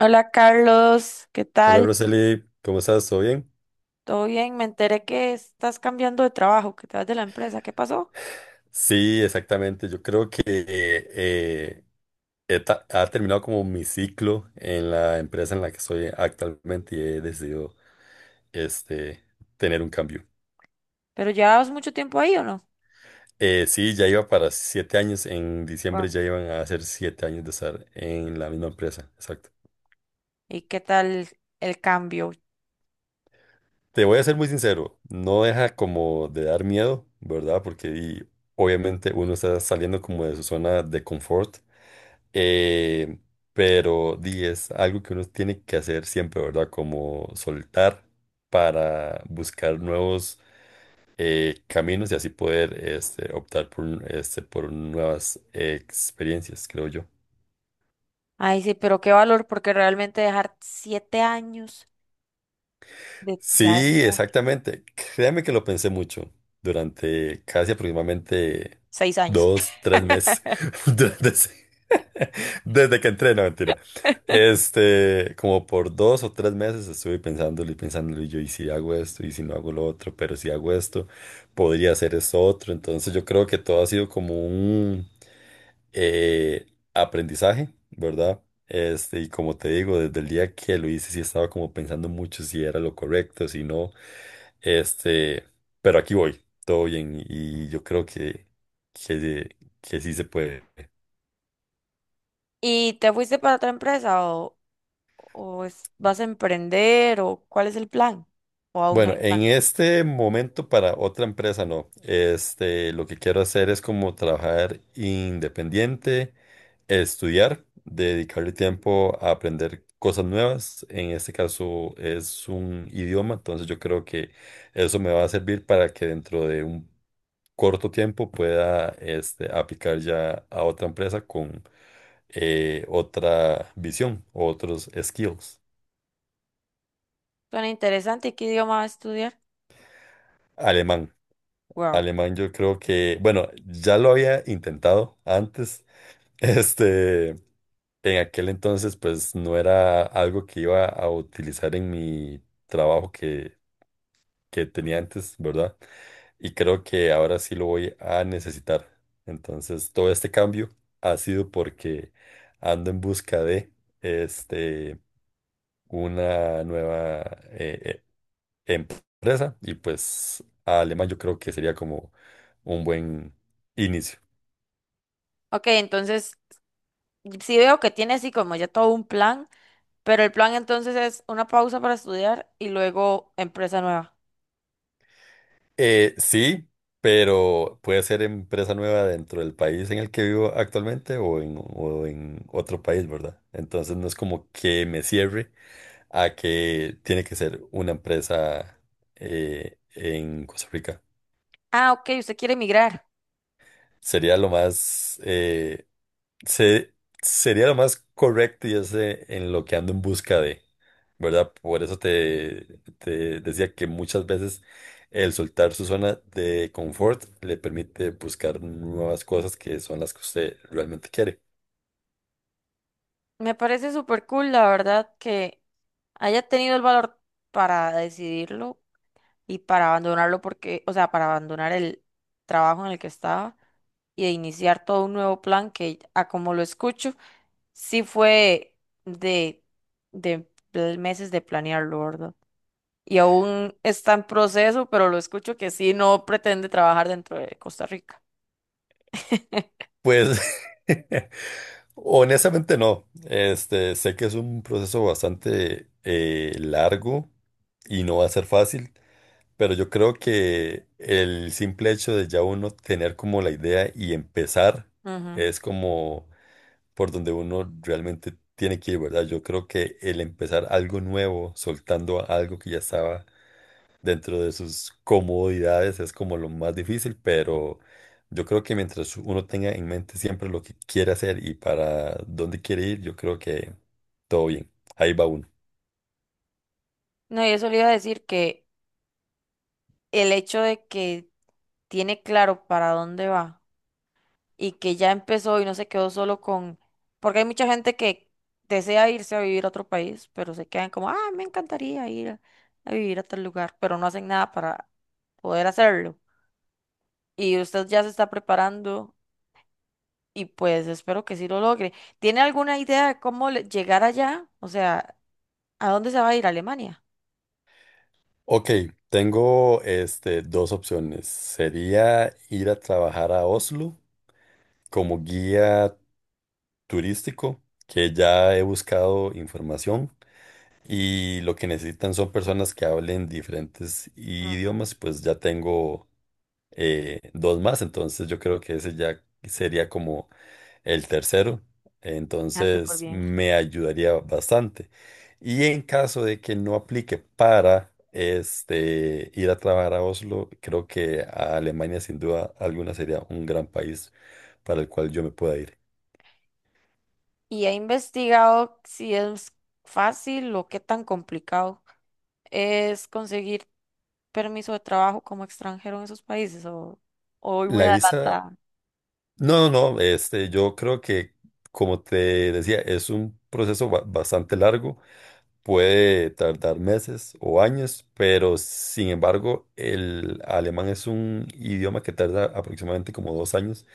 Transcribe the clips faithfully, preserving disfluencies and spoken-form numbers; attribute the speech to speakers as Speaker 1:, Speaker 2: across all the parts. Speaker 1: Hola Carlos, ¿qué
Speaker 2: Hola
Speaker 1: tal?
Speaker 2: Roseli, ¿cómo estás? ¿Todo bien?
Speaker 1: ¿Todo bien? Me enteré que estás cambiando de trabajo, que te vas de la empresa. ¿Qué pasó?
Speaker 2: Sí, exactamente. Yo creo que eh, he ta- ha terminado como mi ciclo en la empresa en la que estoy actualmente y he decidido este, tener un cambio.
Speaker 1: ¿Pero llevabas mucho tiempo ahí o no?
Speaker 2: Eh, sí, ya iba para siete años. En
Speaker 1: Guau.
Speaker 2: diciembre ya iban a hacer siete años de estar en la misma empresa. Exacto.
Speaker 1: ¿Y qué tal el cambio?
Speaker 2: Te voy a ser muy sincero, no deja como de dar miedo, ¿verdad? Porque y, obviamente uno está saliendo como de su zona de confort. Eh, pero di, es algo que uno tiene que hacer siempre, ¿verdad? Como soltar para buscar nuevos eh, caminos y así poder este, optar por, un- este, por nuevas eh, experiencias, creo yo.
Speaker 1: Ay, sí, pero qué valor, porque realmente dejar siete años de... Ya es
Speaker 2: Sí,
Speaker 1: mucho.
Speaker 2: exactamente. Créame que lo pensé mucho durante casi aproximadamente
Speaker 1: Seis años.
Speaker 2: dos, tres meses. Durante ese- Desde que entré, no, mentira. Este, como por dos o tres meses estuve pensándolo y pensándolo y yo, y si hago esto, y si no hago lo otro, pero si hago esto, podría hacer esto otro. Entonces yo creo que todo ha sido como un eh, aprendizaje, ¿verdad? Este, y como te digo, desde el día que lo hice, sí estaba como pensando mucho si era lo correcto, si no. Este, pero aquí voy, todo bien, y yo creo que, que, que sí se puede.
Speaker 1: ¿Y te fuiste para otra empresa o, o es- vas a emprender o cuál es el plan? ¿O aún no
Speaker 2: Bueno,
Speaker 1: hay plan?
Speaker 2: en este momento para otra empresa no. Este, lo que quiero hacer es como trabajar independiente, estudiar, dedicarle tiempo a aprender cosas nuevas. En este caso es un idioma, entonces yo creo que eso me va a servir para que dentro de un corto tiempo pueda este, aplicar ya a otra empresa con eh, otra visión, otros skills.
Speaker 1: Suena interesante. ¿Y qué idioma vas a estudiar?
Speaker 2: Alemán.
Speaker 1: Wow.
Speaker 2: Alemán, yo creo que, bueno, ya lo había intentado antes. Este, en aquel entonces, pues no era algo que iba a utilizar en mi trabajo que, que tenía antes, ¿verdad? Y creo que ahora sí lo voy a necesitar. Entonces, todo este cambio ha sido porque ando en busca de, este, una nueva eh, eh, empresa y pues alemán yo creo que sería como un buen inicio.
Speaker 1: Ok, entonces sí veo que tiene así como ya todo un plan, pero el plan entonces es una pausa para estudiar y luego empresa nueva.
Speaker 2: Eh, sí, pero puede ser empresa nueva dentro del país en el que vivo actualmente o en, o en otro país, ¿verdad? Entonces no es como que me cierre a que tiene que ser una empresa eh, en Costa Rica.
Speaker 1: Ah, ok, usted quiere emigrar.
Speaker 2: Sería lo más eh, Se, Sería lo más correcto y es eh, en lo que ando en busca de, ¿verdad? Por eso te, te decía que muchas veces el soltar su zona de confort le permite buscar nuevas cosas que son las que usted realmente quiere.
Speaker 1: Me parece súper cool, la verdad, que haya tenido el valor para decidirlo y para abandonarlo porque, o sea, para abandonar el trabajo en el que estaba y de iniciar todo un nuevo plan que, a como lo escucho, sí fue de, de pl- meses de planearlo, ¿verdad? Y aún está en proceso, pero lo escucho que sí no pretende trabajar dentro de Costa Rica.
Speaker 2: Pues honestamente no. Este, sé que es un proceso bastante eh, largo y no va a ser fácil. Pero yo creo que el simple hecho de ya uno tener como la idea y empezar
Speaker 1: Ujú.
Speaker 2: es como por donde uno realmente tiene que ir, ¿verdad? Yo creo que el empezar algo nuevo, soltando algo que ya estaba dentro de sus comodidades, es como lo más difícil, pero yo creo que mientras uno tenga en mente siempre lo que quiere hacer y para dónde quiere ir, yo creo que todo bien. Ahí va uno.
Speaker 1: No, y eso le iba a decir que el hecho de que tiene claro para dónde va y que ya empezó y no se quedó solo con, porque hay mucha gente que desea irse a vivir a otro país, pero se quedan como, ah, me encantaría ir a, a vivir a tal lugar, pero no hacen nada para poder hacerlo. Y usted ya se está preparando y pues espero que sí lo logre. ¿Tiene alguna idea de cómo le- llegar allá? O sea, ¿a dónde se va a ir? ¿A Alemania?
Speaker 2: Ok, tengo este, dos opciones. Sería ir a trabajar a Oslo como guía turístico, que ya he buscado información y lo que necesitan son personas que hablen diferentes
Speaker 1: Ajá.
Speaker 2: idiomas, pues ya tengo eh, dos más, entonces yo creo que ese ya sería como el tercero,
Speaker 1: Ah, súper
Speaker 2: entonces
Speaker 1: bien.
Speaker 2: me ayudaría bastante. Y en caso de que no aplique para este, ir a trabajar a Oslo, creo que a Alemania sin duda alguna sería un gran país para el cual yo me pueda ir.
Speaker 1: Y he investigado si es fácil o qué tan complicado es conseguir permiso de trabajo como extranjero en esos países o, o voy muy
Speaker 2: La visa,
Speaker 1: adelantada.
Speaker 2: no, no, no, este, yo creo que, como te decía, es un proceso ba- bastante largo. Puede tardar meses o años, pero sin embargo, el alemán es un idioma que tarda aproximadamente como dos años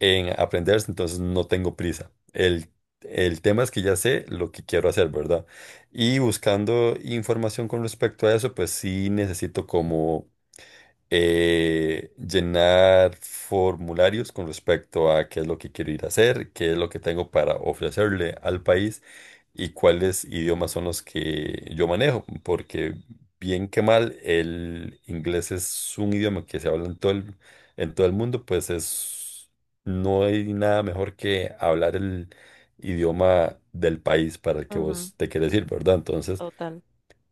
Speaker 2: en aprenderse, entonces no tengo prisa. El, el tema es que ya sé lo que quiero hacer, ¿verdad? Y buscando información con respecto a eso, pues sí necesito como eh, llenar formularios con respecto a qué es lo que quiero ir a hacer, qué es lo que tengo para ofrecerle al país y cuáles idiomas son los que yo manejo, porque bien que mal, el inglés es un idioma que se habla en todo el, en todo el mundo, pues es, no hay nada mejor que hablar el idioma del país para el que
Speaker 1: Ujú,
Speaker 2: vos te quieres ir, ¿verdad? Entonces...
Speaker 1: total.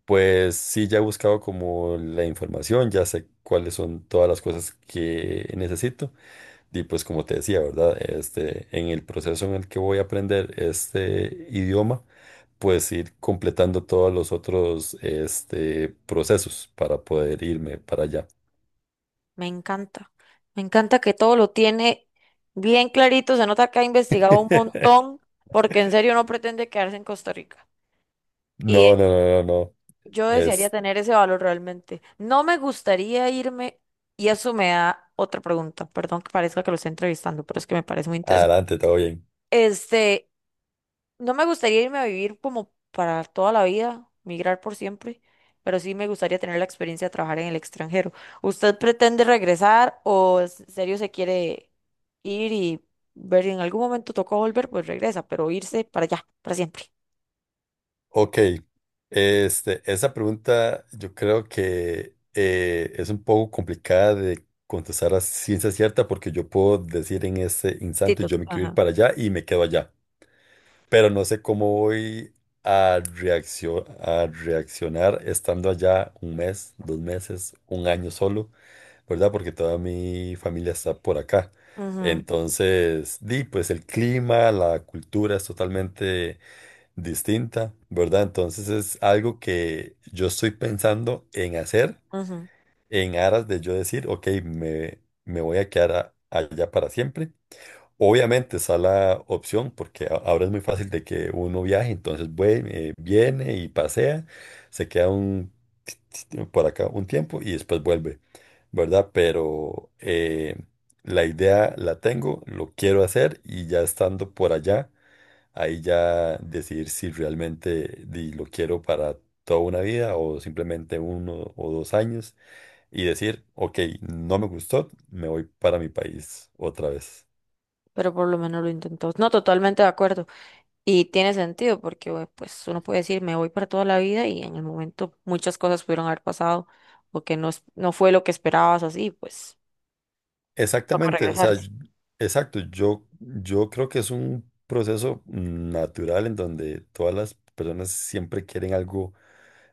Speaker 2: Pues sí, ya he buscado como la información, ya sé cuáles son todas las cosas que necesito. Y pues como te decía, ¿verdad? Este, en el proceso en el que voy a aprender este idioma, pues ir completando todos los otros este, procesos para poder irme para allá.
Speaker 1: Me encanta. Me encanta que todo lo tiene bien clarito. Se nota que ha investigado un montón porque en serio no pretende quedarse en Costa Rica.
Speaker 2: No, no, no, no, no.
Speaker 1: Yo desearía
Speaker 2: Es
Speaker 1: tener ese valor realmente. No me gustaría irme, y eso me da otra pregunta. Perdón que parezca que lo esté entrevistando, pero es que me parece muy interesante.
Speaker 2: adelante, todo bien.
Speaker 1: Este, no me gustaría irme a vivir como para toda la vida, migrar por siempre, pero sí me gustaría tener la experiencia de trabajar en el extranjero. ¿Usted pretende regresar o en serio se quiere ir y ver si en algún momento tocó volver, pues regresa, pero irse para allá, para siempre?
Speaker 2: Ok, este, esa pregunta yo creo que eh, es un poco complicada de contestar a ciencia cierta porque yo puedo decir en este
Speaker 1: Sí,
Speaker 2: instante
Speaker 1: to-
Speaker 2: yo me quiero ir
Speaker 1: ajá.
Speaker 2: para allá y me quedo allá pero no sé cómo voy a reaccio- a reaccionar estando allá un mes, dos meses, un año solo, ¿verdad? Porque toda mi familia está por acá.
Speaker 1: Ujú,
Speaker 2: Entonces, di, pues el clima, la cultura es totalmente distinta, ¿verdad? Entonces es algo que yo estoy pensando en hacer
Speaker 1: ujú.
Speaker 2: en aras de yo decir, ok, me, me voy a quedar a- allá para siempre. Obviamente está la opción porque a- ahora es muy fácil de que uno viaje, entonces vue- eh, viene y pasea, se queda un, por acá un tiempo y después vuelve, ¿verdad? Pero eh, la idea la tengo, lo quiero hacer y ya estando por allá, ahí ya decidir si realmente di, lo quiero para toda una vida o simplemente uno o dos años y decir, ok, no me gustó, me voy para mi país otra vez.
Speaker 1: Pero por lo menos lo intentó. No, totalmente de acuerdo. Y tiene sentido porque bueno, pues uno puede decir, me voy para toda la vida y en el momento muchas cosas pudieron haber pasado o que no, es- no fue lo que esperabas así, pues toca
Speaker 2: Exactamente, o sea,
Speaker 1: regresarse.
Speaker 2: y- exacto, yo, yo creo que es un proceso natural en donde todas las personas siempre quieren algo,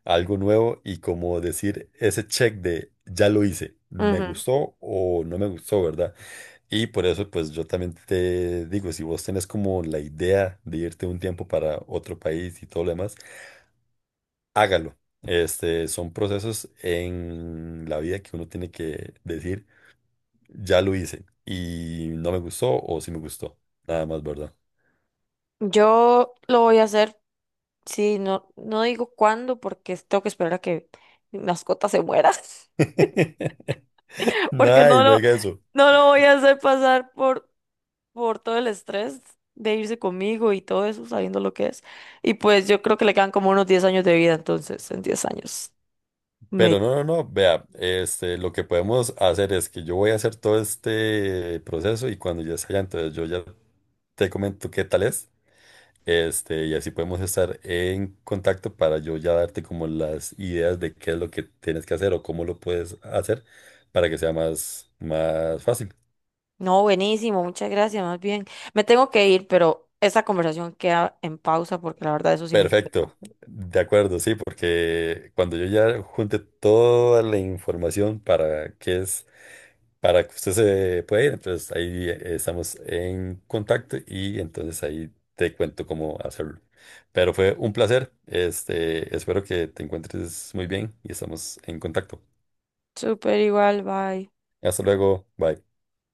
Speaker 2: algo nuevo y como decir ese check de ya lo hice, me
Speaker 1: Ujú.
Speaker 2: gustó o no me gustó, ¿verdad? Y por eso pues yo también te digo, si vos tenés como la idea de irte un tiempo para otro país y todo lo demás, hágalo. Este, son procesos en la vida que uno tiene que decir ya lo hice y no me gustó o sí me gustó. Nada más, ¿verdad?
Speaker 1: Yo lo voy a hacer, sí, no, no digo cuándo porque tengo que esperar a que mi mascota se muera, porque no
Speaker 2: Ay, no
Speaker 1: lo,
Speaker 2: diga eso.
Speaker 1: no lo voy a hacer pasar por por todo el estrés de irse conmigo y todo eso, sabiendo lo que es. Y pues yo creo que le quedan como unos diez años de vida, entonces, en diez años. Me...
Speaker 2: Pero no, no, no, vea, este, lo que podemos hacer es que yo voy a hacer todo este proceso y cuando ya sea, entonces yo ya te comento qué tal es, este, y así podemos estar en contacto para yo ya darte como las ideas de qué es lo que tienes que hacer o cómo lo puedes hacer para que sea más, más fácil.
Speaker 1: No, buenísimo, muchas gracias, más bien. Me tengo que ir, pero esta conversación queda en pausa porque la verdad eso sí me
Speaker 2: Perfecto,
Speaker 1: interesa.
Speaker 2: de acuerdo, sí, porque cuando yo ya junte toda la información para qué es, para que usted se pueda ir, entonces ahí eh, estamos en contacto y entonces ahí te cuento cómo hacerlo. Pero fue un placer, este, espero que te encuentres muy bien y estamos en contacto.
Speaker 1: Súper igual, bye.
Speaker 2: Hasta luego, bye.